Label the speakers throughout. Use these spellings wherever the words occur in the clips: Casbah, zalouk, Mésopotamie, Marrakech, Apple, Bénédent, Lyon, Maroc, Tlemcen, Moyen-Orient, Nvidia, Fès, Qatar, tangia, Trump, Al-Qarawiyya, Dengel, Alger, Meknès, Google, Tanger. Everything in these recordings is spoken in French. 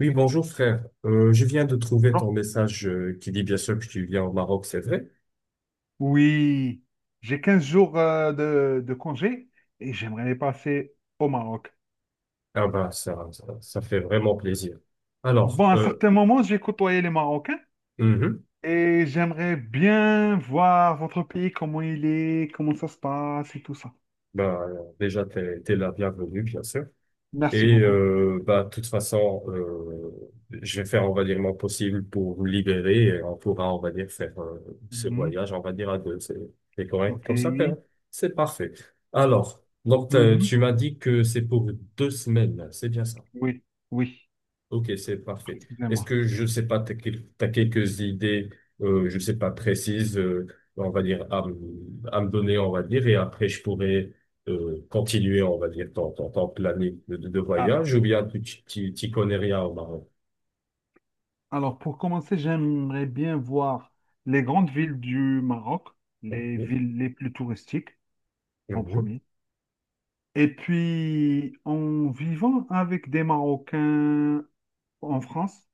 Speaker 1: Oui, bonjour frère. Je viens de trouver
Speaker 2: Jours?
Speaker 1: ton message qui dit bien sûr que tu viens au Maroc, c'est vrai?
Speaker 2: Oui, j'ai 15 jours de congé et j'aimerais les passer au Maroc.
Speaker 1: Ah bah ça fait vraiment plaisir. Alors,
Speaker 2: Bon, à un certain moment, j'ai côtoyé les Marocains
Speaker 1: mhm.
Speaker 2: et j'aimerais bien voir votre pays, comment il est, comment ça se passe et tout ça.
Speaker 1: Bah, déjà t'es la bienvenue bien sûr.
Speaker 2: Merci
Speaker 1: Et
Speaker 2: beaucoup.
Speaker 1: bah de toute façon, je vais faire on va dire mon possible pour vous libérer et on pourra on va dire faire ce
Speaker 2: Mhm,
Speaker 1: voyage on va dire à deux. C'est correct
Speaker 2: ok.
Speaker 1: comme ça frère. C'est parfait. Alors, donc
Speaker 2: Mhm,
Speaker 1: tu m'as dit que c'est pour deux semaines, c'est bien ça.
Speaker 2: oui, oui,
Speaker 1: Ok, c'est parfait. Est-ce
Speaker 2: précisément.
Speaker 1: que, je sais pas, tu as, quelques idées, je sais pas, précises, on va dire, à me donner, on va dire, et après, je pourrais continuer, on va dire, ton planning de, de
Speaker 2: Alors,
Speaker 1: voyage, ou bien t'y connais rien au Maroc?
Speaker 2: alors, pour commencer, j'aimerais bien voir les grandes villes du Maroc, les
Speaker 1: Ok.
Speaker 2: villes les plus touristiques en
Speaker 1: Mhm.
Speaker 2: premier. Et puis, en vivant avec des Marocains en France,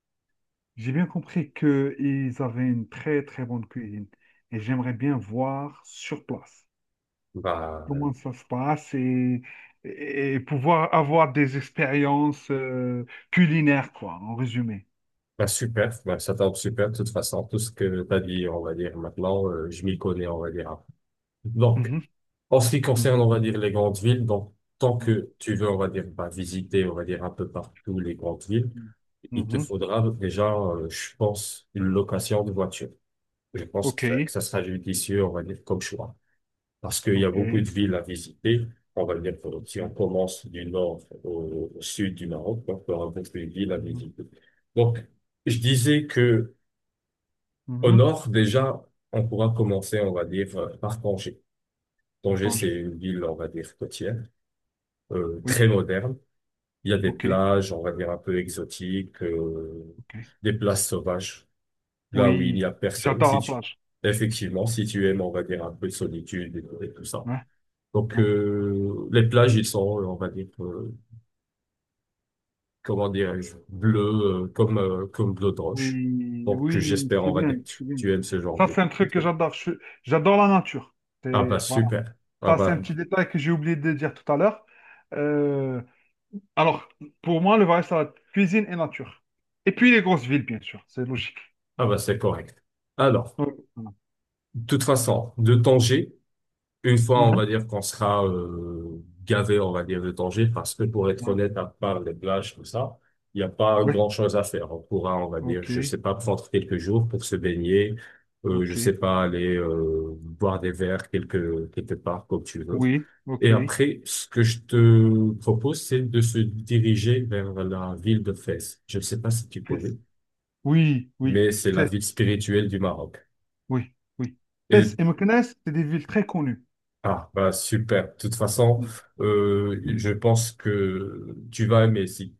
Speaker 2: j'ai bien compris qu'ils avaient une très, très bonne cuisine. Et j'aimerais bien voir sur place
Speaker 1: Bah,
Speaker 2: comment ça se passe et pouvoir avoir des expériences culinaires, quoi, en résumé.
Speaker 1: bah, super, bah, ça tombe super, de toute façon, tout ce que tu as dit, on va dire, maintenant, je m'y connais, on va dire. Donc,
Speaker 2: Mhm,
Speaker 1: en ce qui concerne,
Speaker 2: mhm,
Speaker 1: on va dire, les grandes villes, donc, tant que tu veux, on va dire, bah, visiter, on va dire, un peu partout les grandes villes,
Speaker 2: mhm,
Speaker 1: il te
Speaker 2: mhm.
Speaker 1: faudra déjà, je pense, une location de voiture. Je pense que
Speaker 2: OK,
Speaker 1: ça sera judicieux, on va dire, comme choix. Parce qu'il y a beaucoup
Speaker 2: OK,
Speaker 1: de villes à visiter. On va dire, que si on
Speaker 2: OK.
Speaker 1: commence du nord au sud du Maroc, donc, il y aura beaucoup de villes à
Speaker 2: Mhm,
Speaker 1: visiter. Donc, je disais que au
Speaker 2: mhm.
Speaker 1: nord, déjà, on pourra commencer, on va dire, par Tanger. Tanger, c'est
Speaker 2: Tanger,
Speaker 1: une ville, on va dire, côtière, très
Speaker 2: oui,
Speaker 1: moderne. Il y a des
Speaker 2: OK,
Speaker 1: plages, on va dire, un peu exotiques,
Speaker 2: OK.
Speaker 1: des plages sauvages, là où il n'y
Speaker 2: Oui,
Speaker 1: a personne,
Speaker 2: j'adore
Speaker 1: si
Speaker 2: la
Speaker 1: tu,
Speaker 2: plage.
Speaker 1: effectivement, si tu aimes, on va dire, un peu de solitude et tout ça.
Speaker 2: Ouais,
Speaker 1: Donc,
Speaker 2: ouais.
Speaker 1: les plages, ils sont, on va dire, comment dirais-je, bleues, comme bleu de roche.
Speaker 2: Oui,
Speaker 1: Donc,
Speaker 2: oui,
Speaker 1: j'espère,
Speaker 2: c'est
Speaker 1: on va
Speaker 2: bien,
Speaker 1: dire, que tu,
Speaker 2: c'est bien.
Speaker 1: tu aimes ce genre
Speaker 2: Ça,
Speaker 1: de,
Speaker 2: c'est un
Speaker 1: de
Speaker 2: truc que
Speaker 1: truc.
Speaker 2: j'adore. J'adore la nature.
Speaker 1: Ah
Speaker 2: C'est,
Speaker 1: bah,
Speaker 2: voilà.
Speaker 1: super. Ah
Speaker 2: Ça, c'est
Speaker 1: bah,
Speaker 2: un petit détail que j'ai oublié de dire tout à l'heure. Euh, alors, pour moi, le voyage, ça va être cuisine et nature. Et puis les grosses villes, bien sûr, c'est logique.
Speaker 1: c'est correct. Alors,
Speaker 2: Ouais, voilà.
Speaker 1: de toute façon, de Tanger, une fois, on va
Speaker 2: Mhm.
Speaker 1: dire qu'on sera gavé, on va dire, de danger, parce que pour être
Speaker 2: Ouais.
Speaker 1: honnête, à part les plages, tout ça, il n'y a pas
Speaker 2: Oui,
Speaker 1: grand-chose à faire. On pourra, on va dire, je
Speaker 2: ok,
Speaker 1: sais pas, prendre quelques jours pour se baigner, je
Speaker 2: ok,
Speaker 1: sais pas, aller boire des verres quelque part, comme tu veux.
Speaker 2: oui,
Speaker 1: Et
Speaker 2: ok.
Speaker 1: après, ce que je te propose, c'est de se diriger vers la ville de Fès. Je ne sais pas si tu connais,
Speaker 2: Fès. Oui, oui,
Speaker 1: mais c'est la
Speaker 2: Fès,
Speaker 1: ville spirituelle du Maroc.
Speaker 2: oui, oui. Fès
Speaker 1: Et
Speaker 2: et Meknès, c'est des villes très connues.
Speaker 1: Ah, bah super. De toute façon,
Speaker 2: Mhm.
Speaker 1: je pense que tu vas aimer si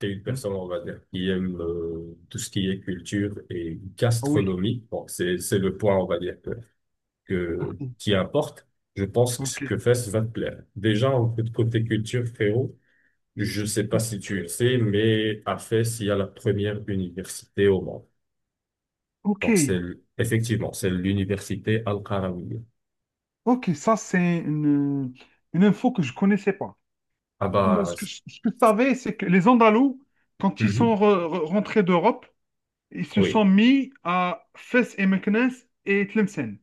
Speaker 1: tu es une
Speaker 2: Mhm.
Speaker 1: personne, on va dire, qui aime tout ce qui est culture et
Speaker 2: Ah oui,
Speaker 1: gastronomie. Bon, c'est le point, on va dire,
Speaker 2: ok,
Speaker 1: qui importe. Je pense que ce que
Speaker 2: ok.
Speaker 1: Fès va te plaire. Déjà, en fait, côté culture, frérot, je sais pas
Speaker 2: Ah,
Speaker 1: si tu le sais, mais à Fès, il y a la première université au monde.
Speaker 2: ok,
Speaker 1: Donc, c'est, effectivement, c'est l'université Al-Qarawiyya.
Speaker 2: ok, ça c'est une info que je connaissais pas.
Speaker 1: Ah
Speaker 2: Mais
Speaker 1: bah,
Speaker 2: Ce que, je ce que je savais, c'est que les Andalous, quand ils
Speaker 1: Mhm.
Speaker 2: sont rentrés d'Europe, ils se
Speaker 1: Oui.
Speaker 2: sont mis à Fès et Meknès et Tlemcen.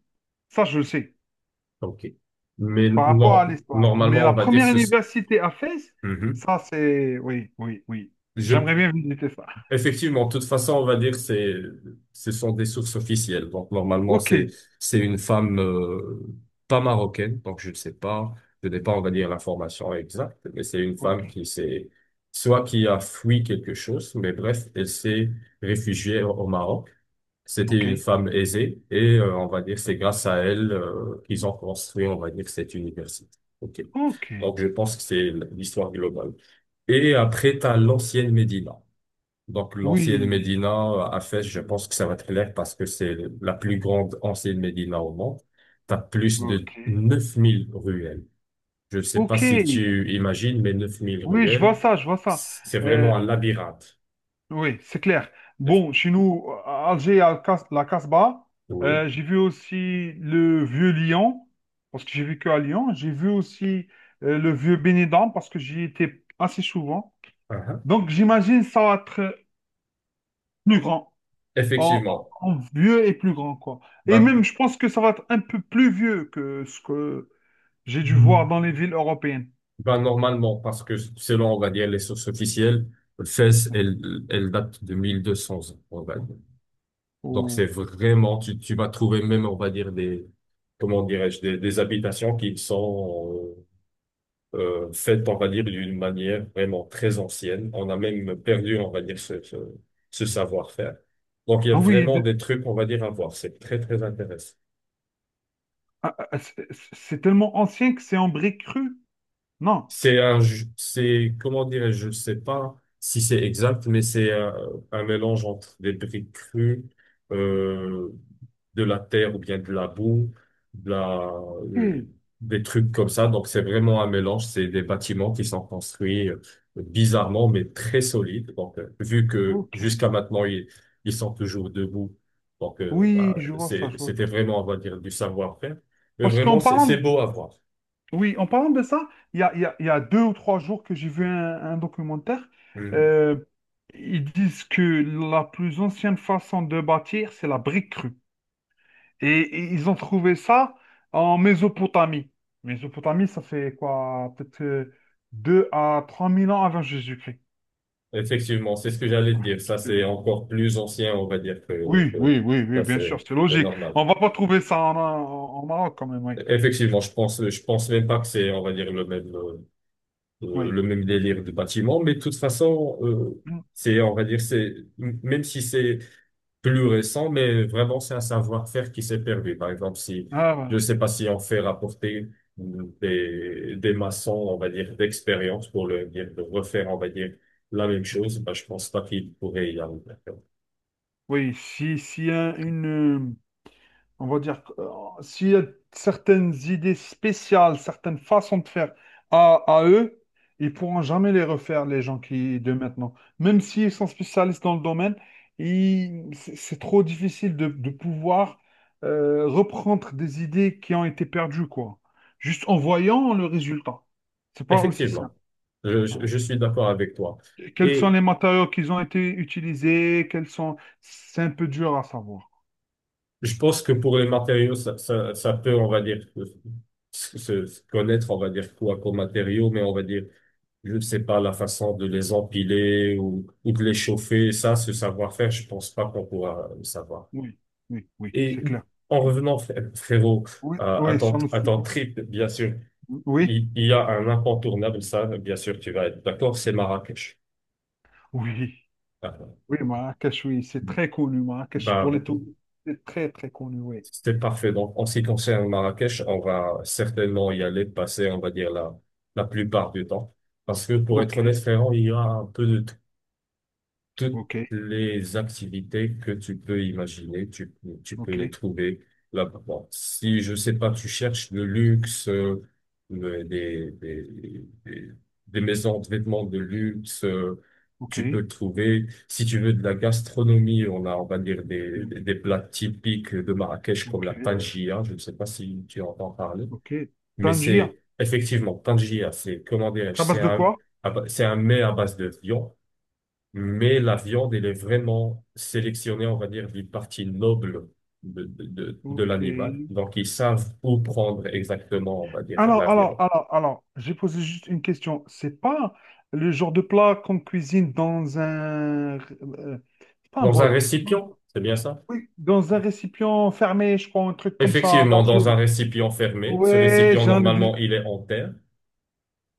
Speaker 2: Ça, je le sais,
Speaker 1: Ok. Mais
Speaker 2: par rapport à l'histoire. Mais
Speaker 1: normalement, on
Speaker 2: la
Speaker 1: va dire
Speaker 2: première
Speaker 1: ce.
Speaker 2: université à Fès,
Speaker 1: Mhm.
Speaker 2: ça c'est... Oui, oui, oui.
Speaker 1: Je,
Speaker 2: J'aimerais bien visiter ça.
Speaker 1: effectivement, de toute façon, on va dire ce sont des sources officielles. Donc normalement,
Speaker 2: Ok,
Speaker 1: c'est une femme pas marocaine. Donc je ne sais pas, je n'ai pas, on va dire l'information exacte, mais c'est une
Speaker 2: ok,
Speaker 1: femme qui s'est soit qui a fui quelque chose, mais bref, elle s'est réfugiée au Maroc. C'était
Speaker 2: ok,
Speaker 1: une femme aisée et on va dire c'est grâce à elle qu'ils ont construit, on va dire, cette université. OK.
Speaker 2: ok.
Speaker 1: Donc je pense que c'est l'histoire globale. Et après, t'as l'ancienne Médina. Donc l'ancienne
Speaker 2: Oui,
Speaker 1: Médina à Fès, je
Speaker 2: oui,
Speaker 1: pense que ça va être clair parce que c'est la plus grande ancienne Médina au monde. T'as plus de
Speaker 2: ok,
Speaker 1: 9 000 ruelles. Je ne sais pas
Speaker 2: ok.
Speaker 1: si tu imagines, mais 9 000
Speaker 2: Oui, je vois
Speaker 1: ruelles,
Speaker 2: ça, je vois ça.
Speaker 1: c'est
Speaker 2: Euh,
Speaker 1: vraiment un labyrinthe.
Speaker 2: Oui, c'est clair. Bon, chez nous, à Alger, il y a le la Casbah.
Speaker 1: Oui.
Speaker 2: J'ai vu aussi le vieux Lyon, parce que j'ai vécu à Lyon. J'ai vu aussi le vieux Bénédent, parce que j'y étais assez souvent.
Speaker 1: Uh-huh.
Speaker 2: Donc, j'imagine ça va être plus grand, en,
Speaker 1: Effectivement.
Speaker 2: en vieux et plus grand, quoi. Et
Speaker 1: Bah,
Speaker 2: même, je pense que ça va être un peu plus vieux que ce que j'ai dû voir dans les villes européennes.
Speaker 1: ben, normalement, parce que selon, on va dire, les sources officielles, Fès,
Speaker 2: Ouais.
Speaker 1: elle date de 1200 ans, on va dire. Donc, c'est
Speaker 2: Ou-
Speaker 1: vraiment, tu vas trouver même, on va dire, des, comment dirais-je, des habitations qui sont faites, on va dire, d'une manière vraiment très ancienne. On a même perdu, on va dire, ce savoir-faire. Donc, il y a
Speaker 2: Ah oui,
Speaker 1: vraiment
Speaker 2: de-
Speaker 1: des trucs, on va dire, à voir. C'est très, très intéressant.
Speaker 2: ah, c'est tellement ancien que c'est en briques crues. Non.
Speaker 1: C'est, comment dirais-je, je ne sais pas si c'est exact, mais c'est un, mélange entre des briques crues, euh, de la terre ou bien de la boue, de la, euh,
Speaker 2: Ok.
Speaker 1: des trucs comme ça. Donc c'est vraiment un mélange. C'est des bâtiments qui sont construits bizarrement, mais très solides. Donc vu que
Speaker 2: Ok.
Speaker 1: jusqu'à maintenant ils sont toujours debout, donc
Speaker 2: Oui,
Speaker 1: bah,
Speaker 2: je vois ça, je vois ça.
Speaker 1: c'était vraiment, on va dire, du savoir-faire. Mais
Speaker 2: Parce qu'en
Speaker 1: vraiment, c'est
Speaker 2: parlant,
Speaker 1: c'est
Speaker 2: de-
Speaker 1: beau à voir.
Speaker 2: oui, en parlant de ça, il y a 2 ou 3 jours que j'ai vu un documentaire.
Speaker 1: Mmh.
Speaker 2: euh, Ils disent que la plus ancienne façon de bâtir, c'est la brique crue. Et ils ont trouvé ça en Mésopotamie. Mésopotamie, ça fait quoi? Peut-être 2 000 à 3 000 ans avant Jésus-Christ.
Speaker 1: Effectivement, c'est ce que j'allais te dire. Ça,
Speaker 2: Euh,
Speaker 1: c'est encore plus ancien, on va dire, que,
Speaker 2: Oui,
Speaker 1: que
Speaker 2: oui, oui, oui,
Speaker 1: ça,
Speaker 2: bien sûr, c'est
Speaker 1: c'est
Speaker 2: logique.
Speaker 1: normal.
Speaker 2: On va pas trouver ça en Maroc quand même, oui.
Speaker 1: Effectivement, je pense même pas que c'est, on va dire,
Speaker 2: Oui.
Speaker 1: le même délire de bâtiment, mais de toute façon,
Speaker 2: Mm.
Speaker 1: c'est, on va dire, c'est, même si c'est plus récent, mais vraiment, c'est un savoir-faire qui s'est perdu. Par exemple, si,
Speaker 2: Ah, ouais.
Speaker 1: je sais pas si on fait rapporter des maçons, on va dire, d'expérience pour le dire, de refaire, on va dire, la même chose,
Speaker 2: Mm.
Speaker 1: bah, je pense pas qu'il pourrait y arriver.
Speaker 2: Oui, si, une, on va dire, s'il y a certaines idées spéciales, certaines façons de faire à eux, ils pourront jamais les refaire, les gens qui, de maintenant. Même s'ils sont spécialistes dans le domaine, c'est trop difficile de pouvoir reprendre des idées qui ont été perdues, quoi. Juste en voyant le résultat. C'est pas aussi simple.
Speaker 1: Effectivement,
Speaker 2: Voilà.
Speaker 1: je suis d'accord avec toi.
Speaker 2: Quels sont
Speaker 1: Et
Speaker 2: les matériaux qui ont été utilisés, quels sont... C'est un peu dur à savoir.
Speaker 1: je pense que pour les matériaux, ça peut, on va dire, se connaître, on va dire quoi comme matériaux, mais on va dire, je ne sais pas, la façon de les empiler ou de les chauffer, ça, ce savoir-faire, je pense pas qu'on pourra le savoir.
Speaker 2: Oui, oui, oui,
Speaker 1: Et
Speaker 2: c'est clair.
Speaker 1: en
Speaker 2: Clair.
Speaker 1: revenant, frérot,
Speaker 2: Oui, oui, sur le
Speaker 1: à ton
Speaker 2: sujet.
Speaker 1: trip, bien sûr,
Speaker 2: Oui,
Speaker 1: il y a un incontournable, ça, bien sûr, tu vas être d'accord, c'est Marrakech.
Speaker 2: oui,
Speaker 1: Ah,
Speaker 2: oui, Marrakech, oui, c'est très connu, Marrakech, pour
Speaker 1: bah,
Speaker 2: les touristes, c'est très, très connu, oui.
Speaker 1: c'était parfait. Donc, en ce qui concerne Marrakech, on va certainement y aller passer, on va dire, la plupart du temps. Parce que, pour
Speaker 2: Ok,
Speaker 1: être honnête, frérot, il y a un peu de toutes
Speaker 2: ok,
Speaker 1: les activités que tu peux imaginer, tu peux
Speaker 2: ok,
Speaker 1: les trouver là-bas. Bon, si, je sais pas, tu cherches le luxe, le- des, des, des, des maisons de vêtements de luxe,
Speaker 2: ok,
Speaker 1: tu peux le trouver. Si tu veux de la gastronomie, on a, on va dire,
Speaker 2: mm,
Speaker 1: des plats typiques de Marrakech comme la
Speaker 2: ok,
Speaker 1: tangia. Je ne sais pas si tu entends parler.
Speaker 2: ok.
Speaker 1: Mais
Speaker 2: Tangier,
Speaker 1: c'est effectivement, tangia, c'est, comment dirais-je,
Speaker 2: ça base de quoi?
Speaker 1: c'est un mets à base de viande mais la viande, elle est vraiment sélectionnée, on va dire, des parties nobles de
Speaker 2: Ok.
Speaker 1: l'animal. Donc, ils savent où prendre exactement, on va dire, la viande.
Speaker 2: Alors, j'ai posé juste une question. C'est pas le genre de plat qu'on cuisine dans un... c'est pas un
Speaker 1: Dans un
Speaker 2: bol. Non.
Speaker 1: récipient, c'est bien ça?
Speaker 2: Oui, dans un récipient fermé, je crois, un truc comme ça,
Speaker 1: Effectivement, dans un
Speaker 2: d'argile.
Speaker 1: récipient fermé. Ce
Speaker 2: Ouais,
Speaker 1: récipient,
Speaker 2: j'en ai
Speaker 1: normalement,
Speaker 2: dé-
Speaker 1: il est en terre.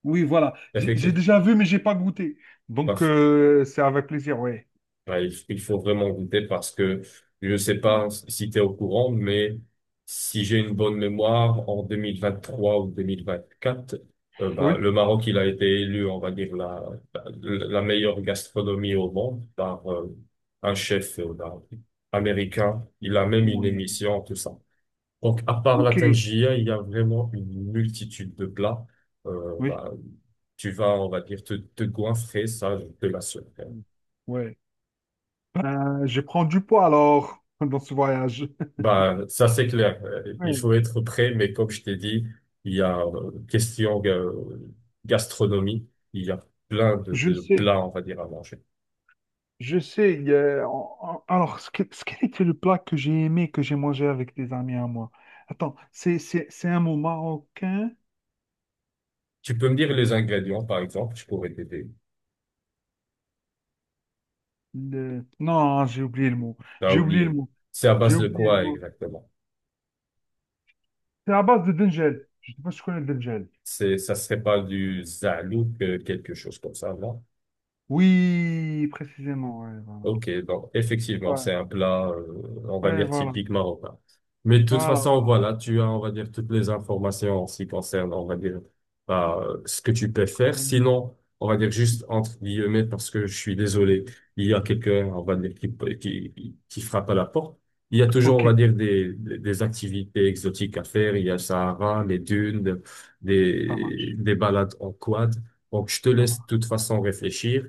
Speaker 2: Oui, voilà. J'ai
Speaker 1: Effectivement.
Speaker 2: déjà vu, mais j'ai pas goûté. Donc, c'est avec plaisir, ouais.
Speaker 1: Ouais, il faut vraiment goûter parce que je ne sais
Speaker 2: Ouais.
Speaker 1: pas si tu es au courant, mais si j'ai une bonne mémoire, en 2023 ou 2024,
Speaker 2: Oui.
Speaker 1: bah, le Maroc, il a été élu, on va dire, la, la la meilleure gastronomie au monde par un chef bah, américain. Il a même une
Speaker 2: Oui.
Speaker 1: émission, tout ça. Donc, à part la
Speaker 2: Ok.
Speaker 1: tangia, il y a vraiment une multitude de plats.
Speaker 2: Oui.
Speaker 1: Bah, tu vas, on va dire, te goinfrer, ça, je te l'assure.
Speaker 2: Ouais. Ben, je prends du poids alors dans ce voyage.
Speaker 1: Bah, ça c'est clair. Il
Speaker 2: Ouais.
Speaker 1: faut être prêt, mais comme je t'ai dit, il y a question gastronomie, il y a plein
Speaker 2: Je
Speaker 1: de
Speaker 2: sais,
Speaker 1: plats, on va dire, à manger.
Speaker 2: je sais. Il y a- en- en- Alors, ce quel était le plat que j'ai aimé, que j'ai mangé avec des amis à moi? Attends, c'est un mot marocain?
Speaker 1: Tu peux me dire les ingrédients, par exemple, je pourrais t'aider.
Speaker 2: Non, j'ai oublié le mot.
Speaker 1: T'as
Speaker 2: J'ai oublié le
Speaker 1: oublié.
Speaker 2: mot.
Speaker 1: C'est à
Speaker 2: J'ai
Speaker 1: base de
Speaker 2: oublié le
Speaker 1: quoi
Speaker 2: mot.
Speaker 1: exactement?
Speaker 2: C'est à base de Dengel. Je sais pas si tu connais le Dengel.
Speaker 1: C'est, ça serait pas du zalouk, quelque chose comme ça, non?
Speaker 2: Oui, précisément. Ouais, voilà.
Speaker 1: Ok, bon, effectivement, c'est un plat, on va
Speaker 2: Ouais, ouais,
Speaker 1: dire,
Speaker 2: voilà.
Speaker 1: typique marocain. Mais de toute
Speaker 2: Voilà,
Speaker 1: façon,
Speaker 2: voilà.
Speaker 1: voilà, tu as, on va dire, toutes les informations en ce qui concerne, on va dire, bah, ce que tu peux
Speaker 2: Très
Speaker 1: faire.
Speaker 2: bien.
Speaker 1: Sinon, on va dire juste entre guillemets, parce que je suis désolé, il y a quelqu'un, on va dire, qui frappe à la porte. Il y a toujours, on
Speaker 2: Ok,
Speaker 1: va dire, des activités exotiques à faire. Il y a le
Speaker 2: ok.
Speaker 1: Sahara, les dunes,
Speaker 2: Ça marche.
Speaker 1: des balades en quad. Donc, je te
Speaker 2: Ça
Speaker 1: laisse de
Speaker 2: marche.
Speaker 1: toute façon réfléchir.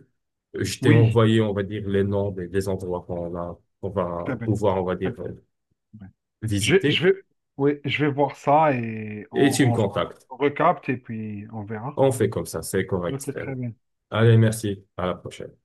Speaker 1: Je t'ai
Speaker 2: Oui,
Speaker 1: envoyé, on va dire, les noms des endroits qu'on a, qu'on va
Speaker 2: très bien.
Speaker 1: pouvoir, on va
Speaker 2: Très
Speaker 1: dire,
Speaker 2: bien, très bien.
Speaker 1: visiter.
Speaker 2: Je vais, oui, je vais voir ça et
Speaker 1: Et tu me
Speaker 2: on se
Speaker 1: contactes.
Speaker 2: recapte et puis on verra.
Speaker 1: On fait comme ça, c'est correct,
Speaker 2: Ok, très
Speaker 1: frérot.
Speaker 2: bien.
Speaker 1: Allez, merci. À la prochaine.